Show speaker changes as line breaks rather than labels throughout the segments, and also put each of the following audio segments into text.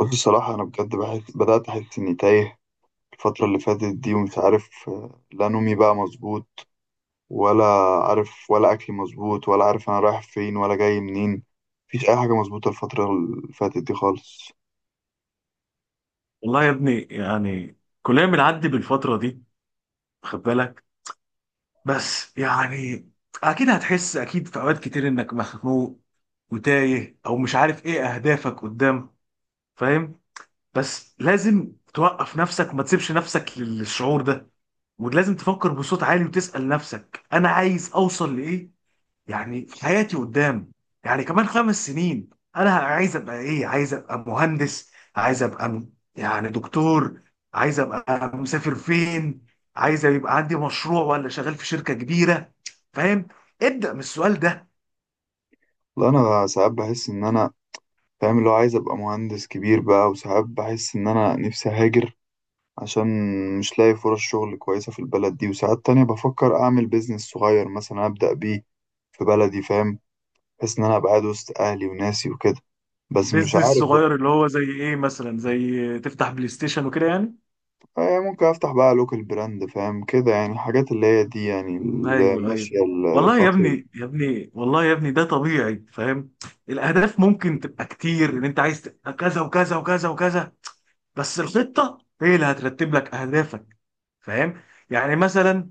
بص، الصراحة أنا بجد بحس بدأت أحس إني تايه الفترة اللي فاتت دي ومش عارف. لا نومي بقى مظبوط ولا عارف ولا أكلي مظبوط ولا عارف أنا رايح فين ولا جاي منين. مفيش أي حاجة مظبوطة الفترة اللي فاتت دي خالص.
والله يا ابني يعني كلنا بنعدي بالفترة دي. خد بالك. بس يعني أكيد هتحس، أكيد في أوقات كتير إنك مخنوق وتايه أو مش عارف إيه أهدافك قدام. فاهم؟ بس لازم توقف نفسك، ما تسيبش نفسك للشعور ده، ولازم تفكر بصوت عالي وتسأل نفسك أنا عايز أوصل لإيه يعني في حياتي قدام، يعني كمان 5 سنين. انا عايز ابقى ايه؟ عايز ابقى مهندس؟ عايز ابقى يعني دكتور؟ عايز ابقى مسافر فين؟ عايز يبقى عندي مشروع ولا شغال في شركة كبيرة؟ فاهم؟ ابدأ من السؤال ده.
لا، أنا ساعات بحس إن أنا فاهم اللي هو عايز أبقى مهندس كبير بقى، وساعات بحس إن أنا نفسي هاجر عشان مش لاقي فرص شغل كويسة في البلد دي، وساعات تانية بفكر أعمل بيزنس صغير مثلا أبدأ بيه في بلدي فاهم. بحيث ان انا ابقى قاعد وسط اهلي وناسي وكده، بس مش
بيزنس
عارف بقى.
صغير اللي هو زي ايه مثلا؟ زي تفتح بلاي ستيشن وكده يعني؟
ممكن افتح بقى لوكال براند، فاهم كده، يعني الحاجات اللي هي دي يعني اللي
ايوه، ايوه.
ماشيه
والله يا
الفتره دي.
ابني، يا ابني، والله يا ابني، ده طبيعي. فاهم؟ الاهداف ممكن تبقى كتير، ان انت عايز تبقى كذا وكذا وكذا وكذا، بس الخطه هي اللي هترتب لك اهدافك. فاهم؟ يعني مثلا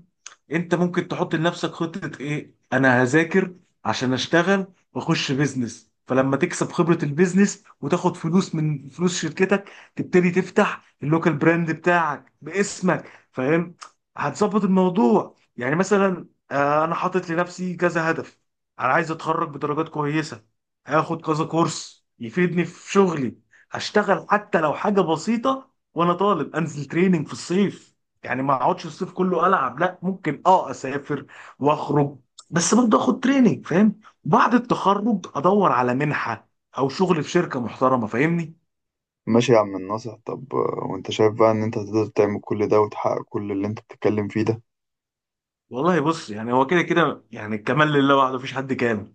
انت ممكن تحط لنفسك خطة ايه؟ انا هذاكر عشان اشتغل واخش بيزنس، فلما تكسب خبرة البيزنس وتاخد فلوس من فلوس شركتك تبتدي تفتح اللوكال براند بتاعك باسمك. فاهم؟ هتظبط الموضوع. يعني مثلا انا حاطط لنفسي كذا هدف. انا عايز اتخرج بدرجات كويسة، هاخد كذا كورس يفيدني في شغلي، هشتغل حتى لو حاجة بسيطة وانا طالب، انزل تريننج في الصيف. يعني ما اقعدش الصيف كله العب، لا ممكن اسافر واخرج، بس برضه اخد تريننج. فاهم؟ بعد التخرج ادور على منحه او شغل في شركه محترمه. فاهمني؟
ماشي يا عم الناصح، طب وانت شايف بقى ان انت تقدر تعمل كل ده وتحقق كل اللي انت بتتكلم فيه ده؟
والله بص، يعني هو كده كده يعني الكمال لله وحده، مفيش حد كامل.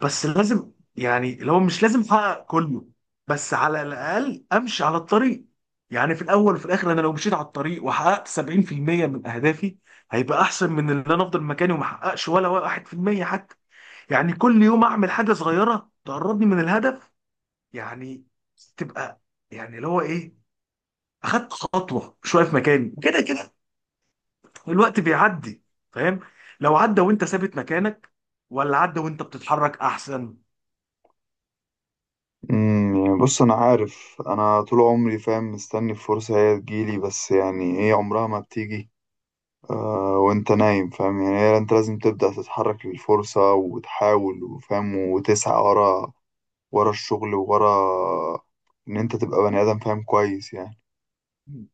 بس لازم يعني، لو مش لازم احقق كله، بس على الاقل امشي على الطريق. يعني في الاول وفي الاخر انا لو مشيت على الطريق وحققت 70% من اهدافي هيبقى احسن من اللي انا افضل مكاني وما احققش ولا 1% حتى. يعني كل يوم اعمل حاجه صغيره تقربني من الهدف، يعني تبقى، يعني اللي هو ايه، اخدت خطوه مش واقف مكاني. كده كده الوقت بيعدي. فاهم؟ لو عدى وانت ثابت مكانك، ولا عدى وانت بتتحرك احسن؟
يعني بص، انا عارف انا طول عمري فاهم مستني الفرصه هي تجيلي، بس يعني هي عمرها ما بتيجي. آه، وانت نايم فاهم، يعني هي انت لازم تبدأ تتحرك للفرصة وتحاول وفاهم وتسعى ورا ورا الشغل وورا ان انت تبقى بني ادم، فاهم كويس يعني.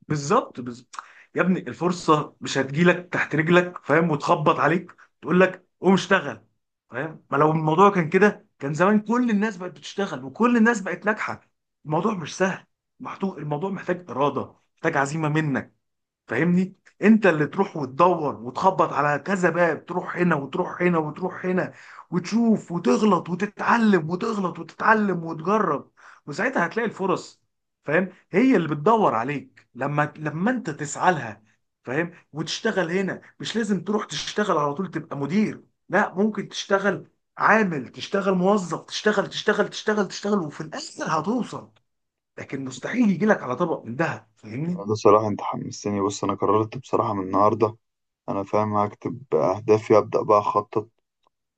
بالظبط، بالظبط. يا ابني الفرصه مش هتجيلك تحت رجلك، فاهم، وتخبط عليك تقول لك قوم اشتغل. فاهم؟ ما لو الموضوع كان كده كان زمان كل الناس بقت بتشتغل وكل الناس بقت ناجحه. الموضوع مش سهل. الموضوع محتاج اراده، محتاج عزيمه منك. فاهمني؟ انت اللي تروح وتدور وتخبط على كذا باب، تروح هنا وتروح هنا وتروح هنا، وتشوف وتغلط وتتعلم وتغلط وتتعلم وتجرب، وساعتها هتلاقي الفرص. فاهم؟ هي اللي بتدور عليك لما انت تسعى لها. فاهم؟ وتشتغل. هنا مش لازم تروح تشتغل على طول تبقى مدير، لا ممكن تشتغل عامل، تشتغل موظف، تشتغل تشتغل تشتغل تشتغل وفي الاخر هتوصل. لكن مستحيل يجي لك على طبق من دهب. فاهمني؟
ده صراحة انت حمستني، بص انا قررت بصراحة من النهاردة انا فاهم هكتب اهدافي، ابدأ بقى اخطط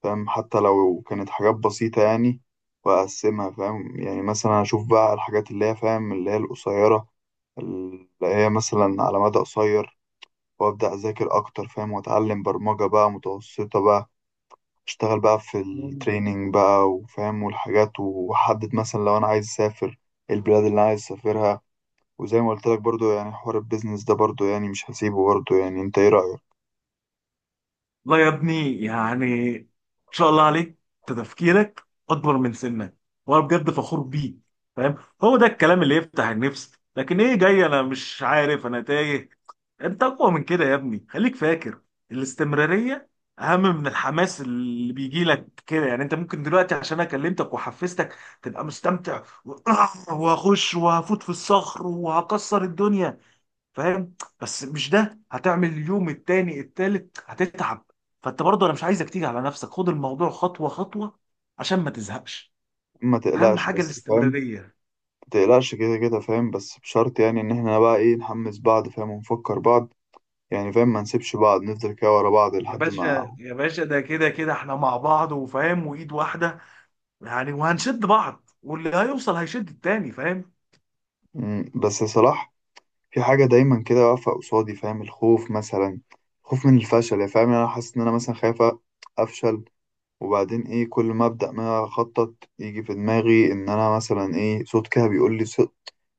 فاهم، حتى لو كانت حاجات بسيطة يعني. واقسمها فاهم، يعني مثلا اشوف بقى الحاجات اللي هي فاهم اللي هي القصيرة، اللي هي مثلا على مدى قصير. وابدأ اذاكر اكتر فاهم، واتعلم برمجة بقى متوسطة بقى، اشتغل بقى في التريننج بقى وفاهم، والحاجات، وحدد مثلا لو انا عايز اسافر البلاد اللي انا عايز اسافرها. وزي ما قلت لك برضو، يعني حوار البيزنس ده برضو يعني مش هسيبه برضو، يعني انت ايه رأيك؟
لا يا ابني، يعني ان شاء الله عليك، أنت تفكيرك اكبر من سنك وانا بجد فخور بيك. فاهم؟ هو ده الكلام اللي يفتح النفس، لكن ايه جاي انا مش عارف انا تايه. انت اقوى من كده يا ابني، خليك فاكر الاستمرارية اهم من الحماس اللي بيجي لك كده. يعني انت ممكن دلوقتي، عشان انا كلمتك وحفزتك، تبقى مستمتع وهخش وهفوت في الصخر وهكسر الدنيا. فاهم؟ بس مش ده هتعمل اليوم التاني التالت، هتتعب. فانت برضه انا مش عايزك تيجي على نفسك، خد الموضوع خطوه خطوه عشان ما تزهقش.
ما
اهم
تقلقش
حاجه
بس فاهم.
الاستمراريه.
ما تقلقش كده كده فاهم، بس بشرط يعني ان احنا بقى ايه نحمس بعض فاهم ونفكر بعض، يعني فاهم ما نسيبش بعض نفضل كده ورا بعض
يا
لحد ما.
باشا، يا باشا، ده كده كده احنا مع بعض، وفاهم، وايد واحده يعني، وهنشد بعض واللي هيوصل هيشد التاني. فاهم؟
بس يا صلاح، في حاجة دايما كده واقفة قصادي فاهم، الخوف مثلا، خوف من الفشل يعني، فاهم يعني انا حاسس ان انا مثلا خايف افشل. وبعدين ايه، كل ما ابدا ما اخطط يجي في دماغي ان انا مثلا ايه، صوت كده بيقول لي، صوت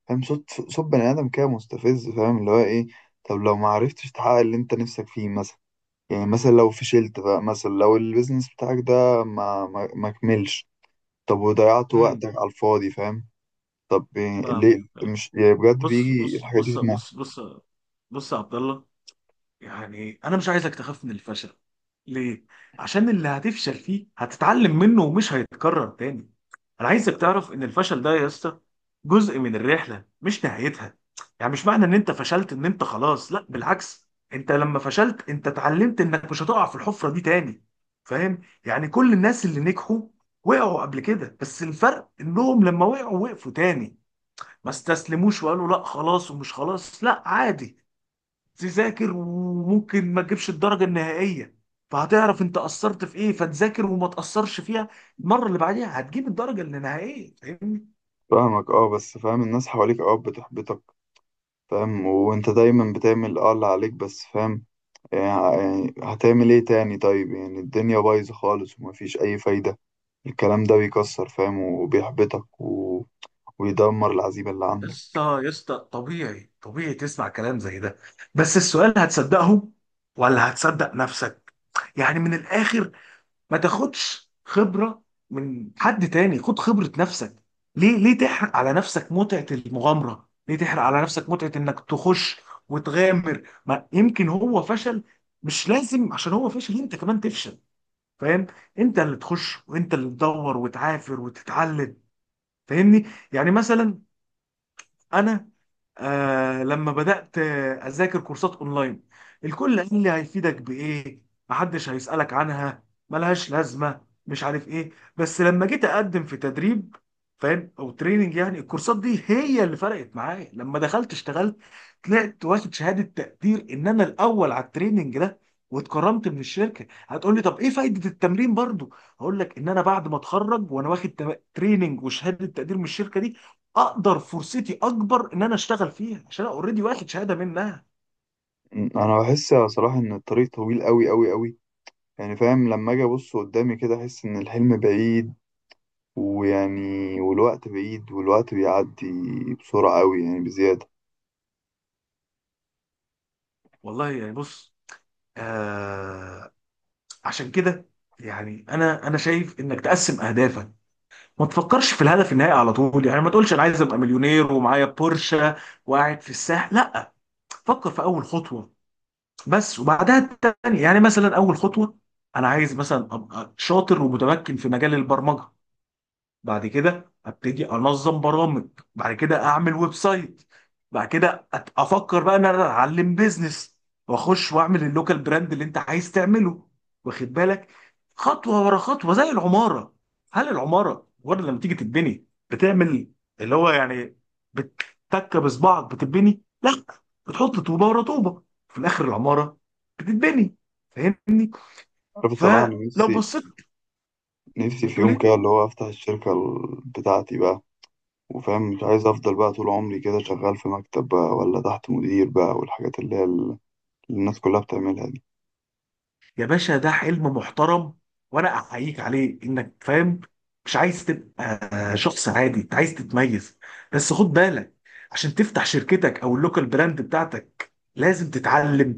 فاهم، صوت بني ادم كده مستفز، فاهم اللي هو ايه. طب لو ما عرفتش تحقق اللي انت نفسك فيه مثلا، يعني مثلا لو فشلت بقى، مثلا لو البيزنس بتاعك ده ما كملش، طب وضيعت
امم
وقتك على الفاضي فاهم. طب إيه،
فاهم.
ليه مش يعني بجد
بص
بيجي
بص
الحاجات دي
بص
في دماغي؟
بص بص بص يا عبد الله. يعني انا مش عايزك تخاف من الفشل. ليه؟ عشان اللي هتفشل فيه هتتعلم منه ومش هيتكرر تاني. انا عايزك تعرف ان الفشل ده يا اسطى جزء من الرحله مش نهايتها. يعني مش معنى ان انت فشلت ان انت خلاص، لا بالعكس، انت لما فشلت انت اتعلمت انك مش هتقع في الحفره دي تاني. فاهم؟ يعني كل الناس اللي نجحوا وقعوا قبل كده، بس الفرق انهم لما وقعوا وقفوا تاني، ما استسلموش وقالوا لا خلاص ومش خلاص. لا عادي، تذاكر وممكن ما تجيبش الدرجة النهائية، فهتعرف انت قصرت في ايه فتذاكر وما تقصرش فيها المرة اللي بعديها هتجيب الدرجة النهائية. فاهمني؟
فاهمك اه، بس فاهم الناس حواليك اه بتحبطك فاهم، وانت دايما بتعمل اه اللي عليك بس فاهم، يعني هتعمل ايه تاني؟ طيب يعني الدنيا بايظة خالص ومفيش أي فايدة، الكلام ده بيكسر فاهم وبيحبطك ويدمر العزيمة اللي
يا
عندك.
اسطى، يا اسطى، طبيعي طبيعي تسمع كلام زي ده، بس السؤال هتصدقه ولا هتصدق نفسك؟ يعني من الاخر ما تاخدش خبرة من حد تاني، خد خبرة نفسك. ليه؟ ليه تحرق على نفسك متعة المغامرة؟ ليه تحرق على نفسك متعة انك تخش وتغامر؟ ما يمكن هو فشل، مش لازم عشان هو فشل انت كمان تفشل. فاهم؟ انت اللي تخش، وانت اللي تدور وتعافر وتتعلم. فاهمني؟ يعني مثلا انا، لما بدأت أذاكر كورسات أونلاين، الكل قال لي هيفيدك بإيه، محدش هيسألك عنها، ملهاش لازمة، مش عارف إيه. بس لما جيت أقدم في تدريب، فاهم، أو تريننج، يعني الكورسات دي هي اللي فرقت معايا. لما دخلت اشتغلت، طلعت واخد شهادة تقدير إن أنا الأول على التريننج ده واتكرمت من الشركة. هتقول لي طب إيه فايدة التمرين برضو؟ هقول لك إن أنا بعد ما أتخرج وأنا واخد تريننج وشهادة تقدير من الشركة دي، اقدر فرصتي اكبر ان انا اشتغل فيها عشان انا اوريدي واخد شهاده منها.
أنا بحس صراحة إن الطريق طويل أوي أوي أوي، يعني فاهم لما أجي أبص قدامي كده أحس إن الحلم بعيد، ويعني والوقت بعيد والوقت بيعدي بسرعة أوي يعني بزيادة.
والله يعني بص، آه عشان كده يعني انا شايف انك تقسم اهدافك. ما تفكرش في الهدف النهائي على طول، يعني ما تقولش انا عايز ابقى مليونير ومعايا بورشه وقاعد في الساحل، لا فكر في اول خطوه بس وبعدها التانية. يعني مثلا اول خطوه انا عايز مثلا ابقى شاطر ومتمكن في مجال البرمجه، بعد كده ابتدي انظم برامج، بعد كده اعمل ويب سايت، بعد كده افكر بقى ان انا اتعلم بيزنس واخش واعمل اللوكال براند اللي انت عايز تعمله. واخد بالك؟ خطوه ورا خطوه زي العماره. هل العماره مجرد لما تيجي تتبني بتعمل اللي هو يعني بتتك بصبعك بتتبني؟ لا، بتحط طوبه ورا طوبه، في الاخر العماره بتتبني. فاهمني؟
عارف الصراحة أنا
فلو
نفسي،
بصيت
نفسي في
بتقول
يوم
ايه؟
كده اللي هو أفتح الشركة بتاعتي بقى. وفاهم مش عايز افضل بقى طول عمري كده شغال في مكتب بقى، ولا تحت مدير بقى والحاجات اللي هي اللي الناس كلها بتعملها دي.
يا باشا ده حلم محترم وانا احييك عليه، انك فاهم مش عايز تبقى شخص عادي، انت عايز تتميز. بس خد بالك، عشان تفتح شركتك او اللوكال براند بتاعتك لازم تتعلم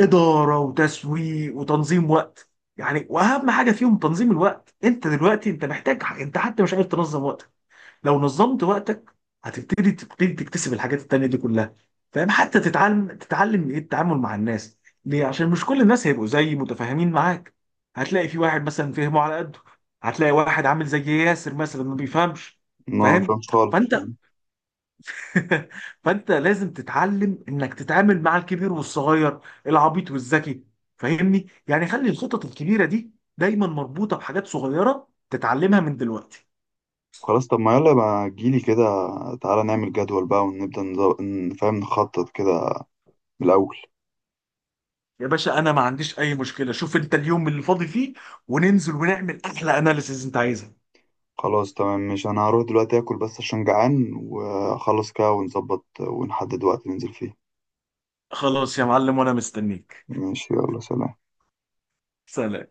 اداره وتسويق وتنظيم وقت. يعني واهم حاجه فيهم تنظيم الوقت. انت دلوقتي انت محتاج، انت حتى مش عارف تنظم وقتك. لو نظمت وقتك هتبتدي تكتسب الحاجات التانية دي كلها. فاهم؟ حتى تتعلم ايه؟ التعامل مع الناس. ليه؟ عشان مش كل الناس هيبقوا زي متفاهمين معاك. هتلاقي في واحد مثلا فهمه على قده، هتلاقي واحد عامل زي ياسر مثلا ما بيفهمش.
ما
فاهم؟
فهمش خالص
فانت
فاهم.
فانت لازم تتعلم انك تتعامل مع الكبير والصغير، العبيط والذكي. فاهمني؟ يعني خلي الخطط الكبيرة دي دايما مربوطة بحاجات صغيرة تتعلمها من دلوقتي.
خلاص، طب ما يلا بقى تجيلي كده، تعالى نعمل جدول بقى ونبدأ فاهم نخطط كده من الأول.
يا باشا انا ما عنديش اي مشكله، شوف انت اليوم اللي فاضي فيه وننزل ونعمل احلى اناليسيز انت عايزها.
خلاص تمام، مش أنا هروح دلوقتي آكل بس عشان جعان وأخلص كده ونظبط ونحدد وقت ننزل فيه.
خلاص يا معلم، وانا مستنيك.
ماشي، يلا، سلام.
سلام.